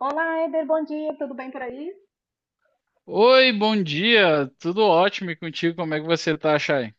Olá, Eder, bom dia, tudo bem por aí? Oi, bom dia, tudo ótimo e contigo? Como é que você tá, Chay?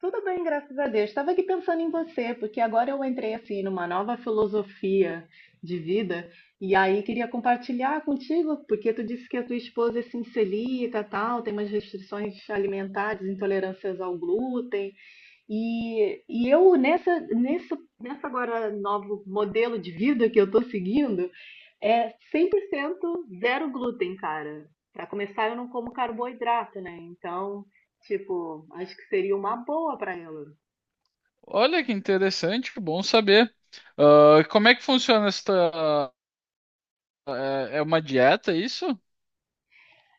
Tudo bem, graças a Deus. Estava aqui pensando em você, porque agora eu entrei assim numa nova filosofia de vida e aí queria compartilhar contigo, porque tu disse que a tua esposa é sincelica, tal, tem umas restrições alimentares, intolerâncias ao glúten e eu nessa agora novo modelo de vida que eu estou seguindo. É 100% zero glúten, cara. Pra começar, eu não como carboidrato, né? Então, tipo, acho que seria uma boa pra ela. Olha que interessante, que bom saber. Ah, como é que funciona esta. É uma dieta, isso?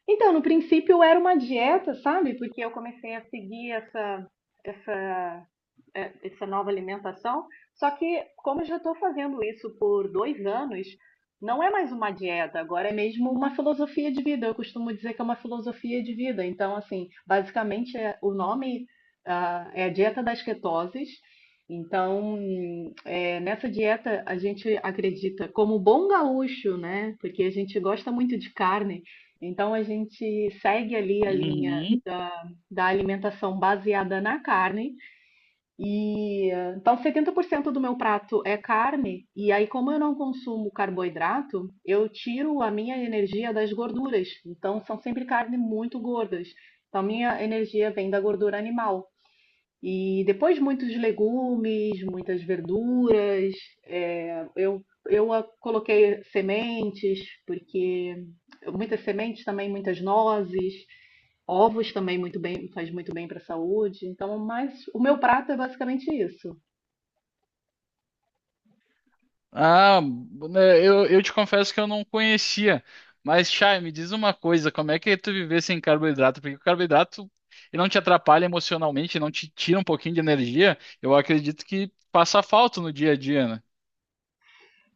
Então, no princípio era uma dieta, sabe? Porque eu comecei a seguir essa essa nova alimentação. Só que, como eu já estou fazendo isso por dois anos, não é mais uma dieta, agora é mesmo uma filosofia de vida. Eu costumo dizer que é uma filosofia de vida. Então, assim, basicamente o nome é a dieta das ketoses. Então, nessa dieta a gente acredita, como bom gaúcho, né? Porque a gente gosta muito de carne, então a gente segue ali a linha Uhum. da alimentação baseada na carne, e então 70% do meu prato é carne, e aí como eu não consumo carboidrato, eu tiro a minha energia das gorduras. Então são sempre carne muito gordas. Então minha energia vem da gordura animal. E depois muitos legumes, muitas verduras. é, eu eu coloquei sementes, porque muitas sementes também, muitas nozes, ovos também muito bem, faz muito bem para a saúde. Então, mas o meu prato é basicamente isso. Ah, né, eu te confesso que eu não conhecia. Mas, Chay, me diz uma coisa: como é que tu viver sem carboidrato? Porque o carboidrato ele não te atrapalha emocionalmente, não te tira um pouquinho de energia. Eu acredito que passa falta no dia a dia, né?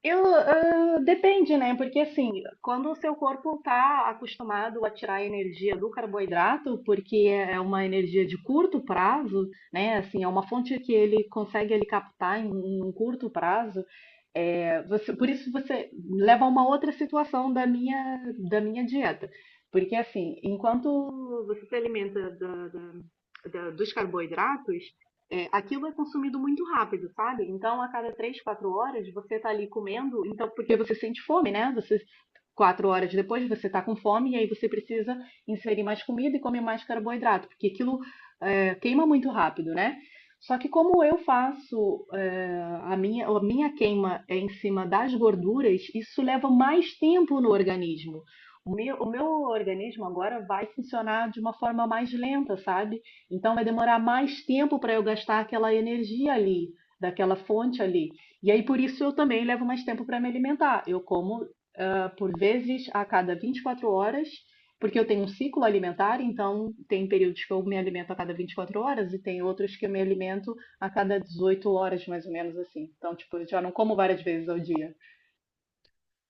Depende, né? Porque assim, quando o seu corpo está acostumado a tirar a energia do carboidrato, porque é uma energia de curto prazo, né? Assim, é uma fonte que ele consegue ele captar em um curto prazo. Por isso você leva a uma outra situação da minha dieta, porque assim, enquanto você se alimenta dos carboidratos, aquilo é consumido muito rápido, sabe? Então, a cada 3, 4 horas, você tá ali comendo, então, porque você sente fome, né? Você, 4 horas depois, você tá com fome, e aí você precisa inserir mais comida e comer mais carboidrato, porque aquilo queima muito rápido, né? Só que como eu faço é a minha queima é em cima das gorduras, isso leva mais tempo no organismo. O meu organismo agora vai funcionar de uma forma mais lenta, sabe? Então vai demorar mais tempo para eu gastar aquela energia ali, daquela fonte ali. E aí por isso eu também levo mais tempo para me alimentar. Eu como por vezes a cada 24 horas, porque eu tenho um ciclo alimentar, então tem períodos que eu me alimento a cada 24 horas e tem outros que eu me alimento a cada 18 horas, mais ou menos assim. Então, tipo, eu já não como várias vezes ao dia.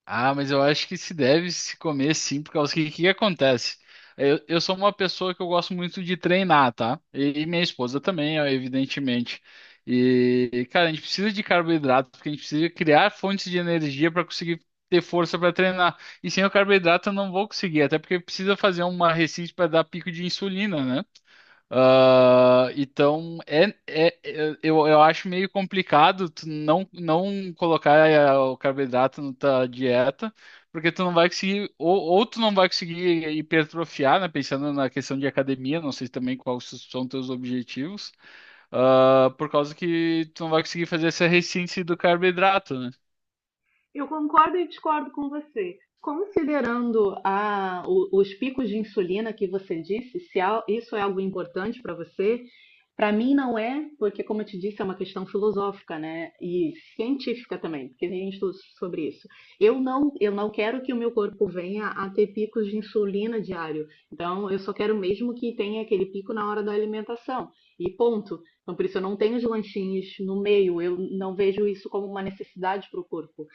Ah, mas eu acho que se deve se comer sim, por causa que o que que acontece? Eu sou uma pessoa que eu gosto muito de treinar, tá? E minha esposa também, ó, evidentemente. E, cara, a gente precisa de carboidrato, porque a gente precisa criar fontes de energia para conseguir ter força para treinar. E sem o carboidrato eu não vou conseguir, até porque precisa fazer uma receita para dar pico de insulina, né? Ah, então, eu acho meio complicado tu não, não colocar o carboidrato na tua dieta, porque tu não vai conseguir, ou tu não vai conseguir hipertrofiar, né? Pensando na questão de academia, não sei também quais são teus objetivos, ah, por causa que tu não vai conseguir fazer essa resistência do carboidrato, né? Eu concordo e discordo com você. Considerando os picos de insulina que você disse, se al- isso é algo importante para você, para mim não é, porque, como eu te disse, é uma questão filosófica, né? E científica também, porque tem estudos sobre isso. Eu não quero que o meu corpo venha a ter picos de insulina diário. Então, eu só quero mesmo que tenha aquele pico na hora da alimentação. E ponto. Então, por isso, eu não tenho os lanchinhos no meio. Eu não vejo isso como uma necessidade para o corpo.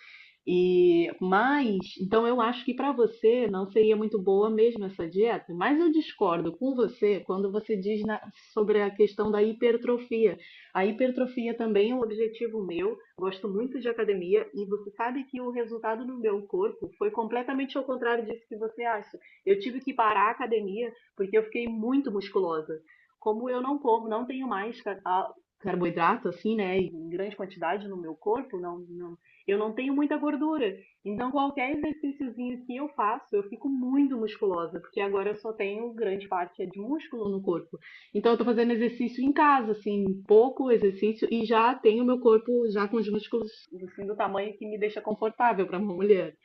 E mas, então eu acho que para você não seria muito boa mesmo essa dieta, mas eu discordo com você quando você diz sobre a questão da hipertrofia. A hipertrofia também é um objetivo meu. Gosto muito de academia e você sabe que o resultado no meu corpo foi completamente ao contrário disso que você acha. Eu tive que parar a academia porque eu fiquei muito musculosa. Como eu não como, não tenho mais carboidrato assim, né, em grande quantidade no meu corpo, não, não, eu não tenho muita gordura. Então, qualquer exercíciozinho que eu faço, eu fico muito musculosa, porque agora eu só tenho grande parte é de músculo no corpo. Então, eu tô fazendo exercício em casa, assim, pouco exercício, e já tenho meu corpo já com os músculos assim, do tamanho que me deixa confortável para uma mulher.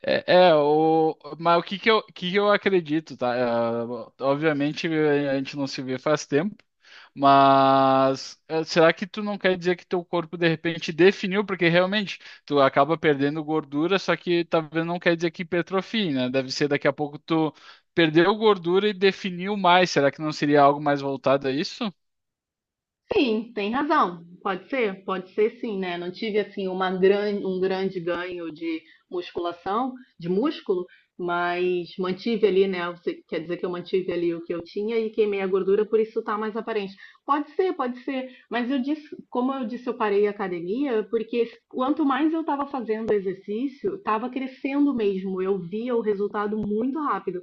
Mas o que que eu acredito, tá? É, obviamente a gente não se vê faz tempo, mas é, será que tu não quer dizer que teu corpo de repente definiu? Porque realmente tu acaba perdendo gordura, só que talvez não quer dizer que hipertrofie, né? Deve ser daqui a pouco tu perdeu gordura e definiu mais. Será que não seria algo mais voltado a isso? Sim, tem razão. Pode ser sim, né? Não tive assim uma grande, um grande ganho de musculação, de músculo, mas mantive ali, né? Você quer dizer que eu mantive ali o que eu tinha e queimei a gordura, por isso tá mais aparente. Pode ser, pode ser. Mas eu disse, como eu disse, eu parei a academia porque quanto mais eu estava fazendo exercício, estava crescendo mesmo. Eu via o resultado muito rápido.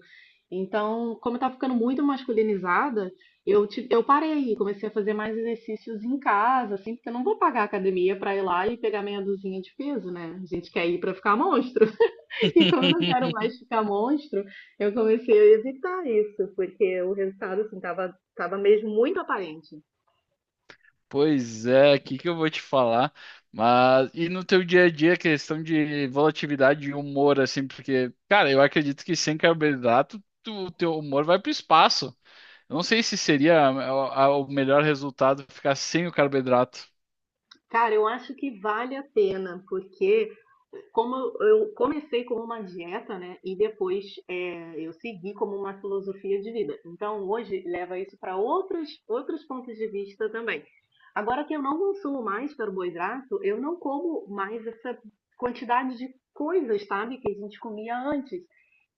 Então, como eu estava ficando muito masculinizada, eu parei, comecei a fazer mais exercícios em casa, assim, porque eu não vou pagar a academia pra ir lá e pegar meia dúzia de peso, né? A gente quer ir pra ficar monstro. E como eu não quero mais ficar monstro, eu comecei a evitar isso, porque o resultado, assim, tava mesmo muito aparente. Pois é, o que que eu vou te falar? Mas e no teu dia a dia, questão de volatilidade e humor, assim, porque, cara, eu acredito que sem carboidrato, tu- o teu humor vai pro espaço. Eu não sei se seria a- o melhor resultado ficar sem o carboidrato. Cara, eu acho que vale a pena, porque como eu comecei como uma dieta, né? E depois, eu segui como uma filosofia de vida. Então hoje leva isso para outros pontos de vista também. Agora que eu não consumo mais carboidrato, eu não como mais essa quantidade de coisas, sabe, que a gente comia antes.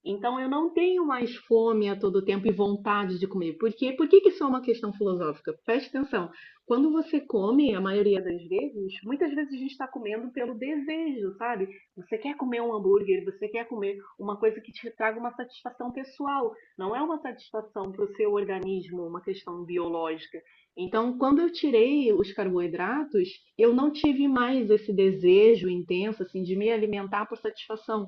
Então eu não tenho mais fome a todo tempo e vontade de comer. Por quê? Por que que isso é uma questão filosófica? Preste atenção. Quando você come, a maioria das vezes, muitas vezes a gente está comendo pelo desejo, sabe? Você quer comer um hambúrguer, você quer comer uma coisa que te traga uma satisfação pessoal. Não é uma satisfação para o seu organismo, uma questão biológica. Então, quando eu tirei os carboidratos, eu não tive mais esse desejo intenso assim de me alimentar por satisfação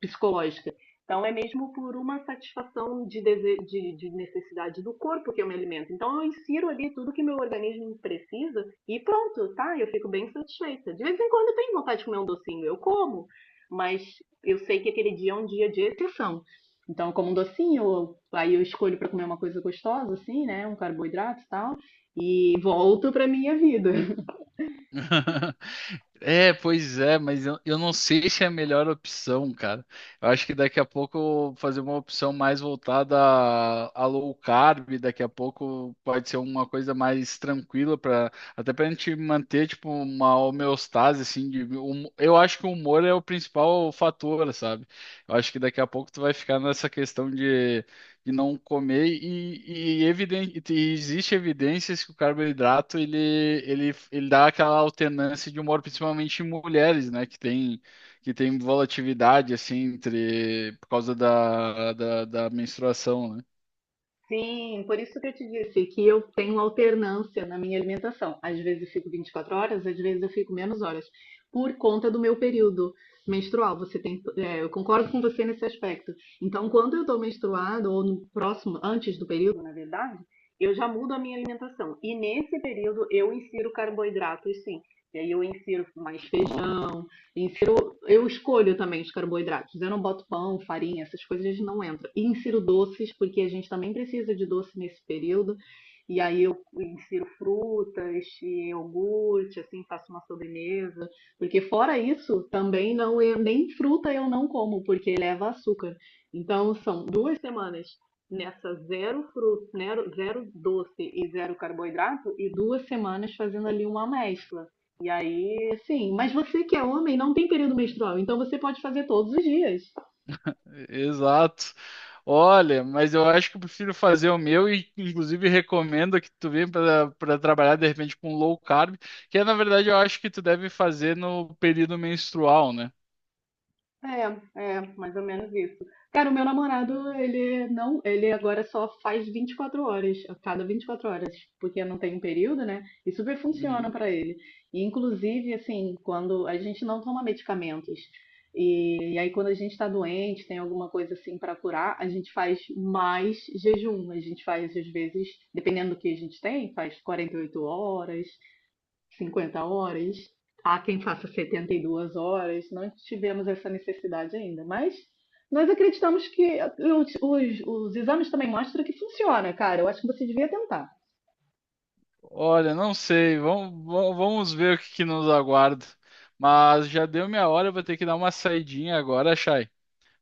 psicológica. Então, é mesmo por uma satisfação de necessidade do corpo que eu me alimento. Então, eu insiro ali tudo que meu organismo precisa e pronto, tá? Eu fico bem satisfeita. De vez em quando eu tenho vontade de comer um docinho, eu como, mas eu sei que aquele dia é um dia de exceção. Então, eu como um docinho, aí eu escolho para comer uma coisa gostosa, assim, né? Um carboidrato e tal, e volto para minha vida. É, pois é, mas eu não sei se é a melhor opção, cara. Eu acho que daqui a pouco eu vou fazer uma opção mais voltada a low carb, daqui a pouco pode ser uma coisa mais tranquila para até pra gente manter tipo uma homeostase assim de eu acho que o humor é o principal fator, sabe? Eu acho que daqui a pouco tu vai ficar nessa questão de não comer eviden- e existe evidências que o carboidrato ele, ele, ele dá aquela alternância de humor, principalmente em mulheres, né, que tem volatilidade assim entre por causa da, da, da menstruação, né? Sim, por isso que eu te disse que eu tenho alternância na minha alimentação. Às vezes eu fico 24 horas, às vezes eu fico menos horas, por conta do meu período menstrual. Eu concordo com você nesse aspecto. Então, quando eu estou menstruada, ou no próximo, antes do período, na verdade, eu já mudo a minha alimentação. E nesse período eu insiro carboidratos, sim. E aí eu insiro mais feijão. Eu escolho também os carboidratos. Eu não boto pão, farinha, essas coisas não entram. E insiro doces, porque a gente também precisa de doce nesse período. E aí eu insiro frutas, iogurte, assim, faço uma sobremesa. Porque fora isso, também não nem fruta eu não como, porque leva açúcar. Então são duas semanas nessa zero fruta, zero doce e zero carboidrato, e duas semanas fazendo ali uma mescla. E aí, sim, mas você que é homem não tem período menstrual, então você pode fazer todos os dias. Exato. Olha, mas eu acho que eu prefiro fazer o meu e inclusive recomendo que tu venha para trabalhar de repente com low carb, que é, na verdade eu acho que tu deve fazer no período menstrual, né? É, é, mais ou menos isso. Cara, o meu namorado, ele não, ele agora só faz 24 horas, a cada 24 horas, porque não tem um período, né? E super funciona Uhum. pra ele. E, inclusive, assim, quando a gente não toma medicamentos, e aí quando a gente tá doente, tem alguma coisa assim pra curar, a gente faz mais jejum. A gente faz, às vezes, dependendo do que a gente tem, faz 48 horas, 50 horas. Há quem faça 72 horas. Não tivemos essa necessidade ainda, mas nós acreditamos que os exames também mostram que funciona, cara. Eu acho que você devia tentar. Olha, não sei. Vamos, va- vamos ver o que, que nos aguarda. Mas já deu minha hora, eu vou ter que dar uma saidinha agora, Chay.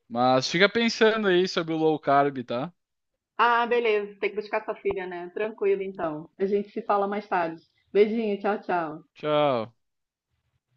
Mas fica pensando aí sobre o low carb, tá? Ah, beleza. Tem que buscar sua filha, né? Tranquilo, então. A gente se fala mais tarde. Beijinho, tchau, tchau. Tchau.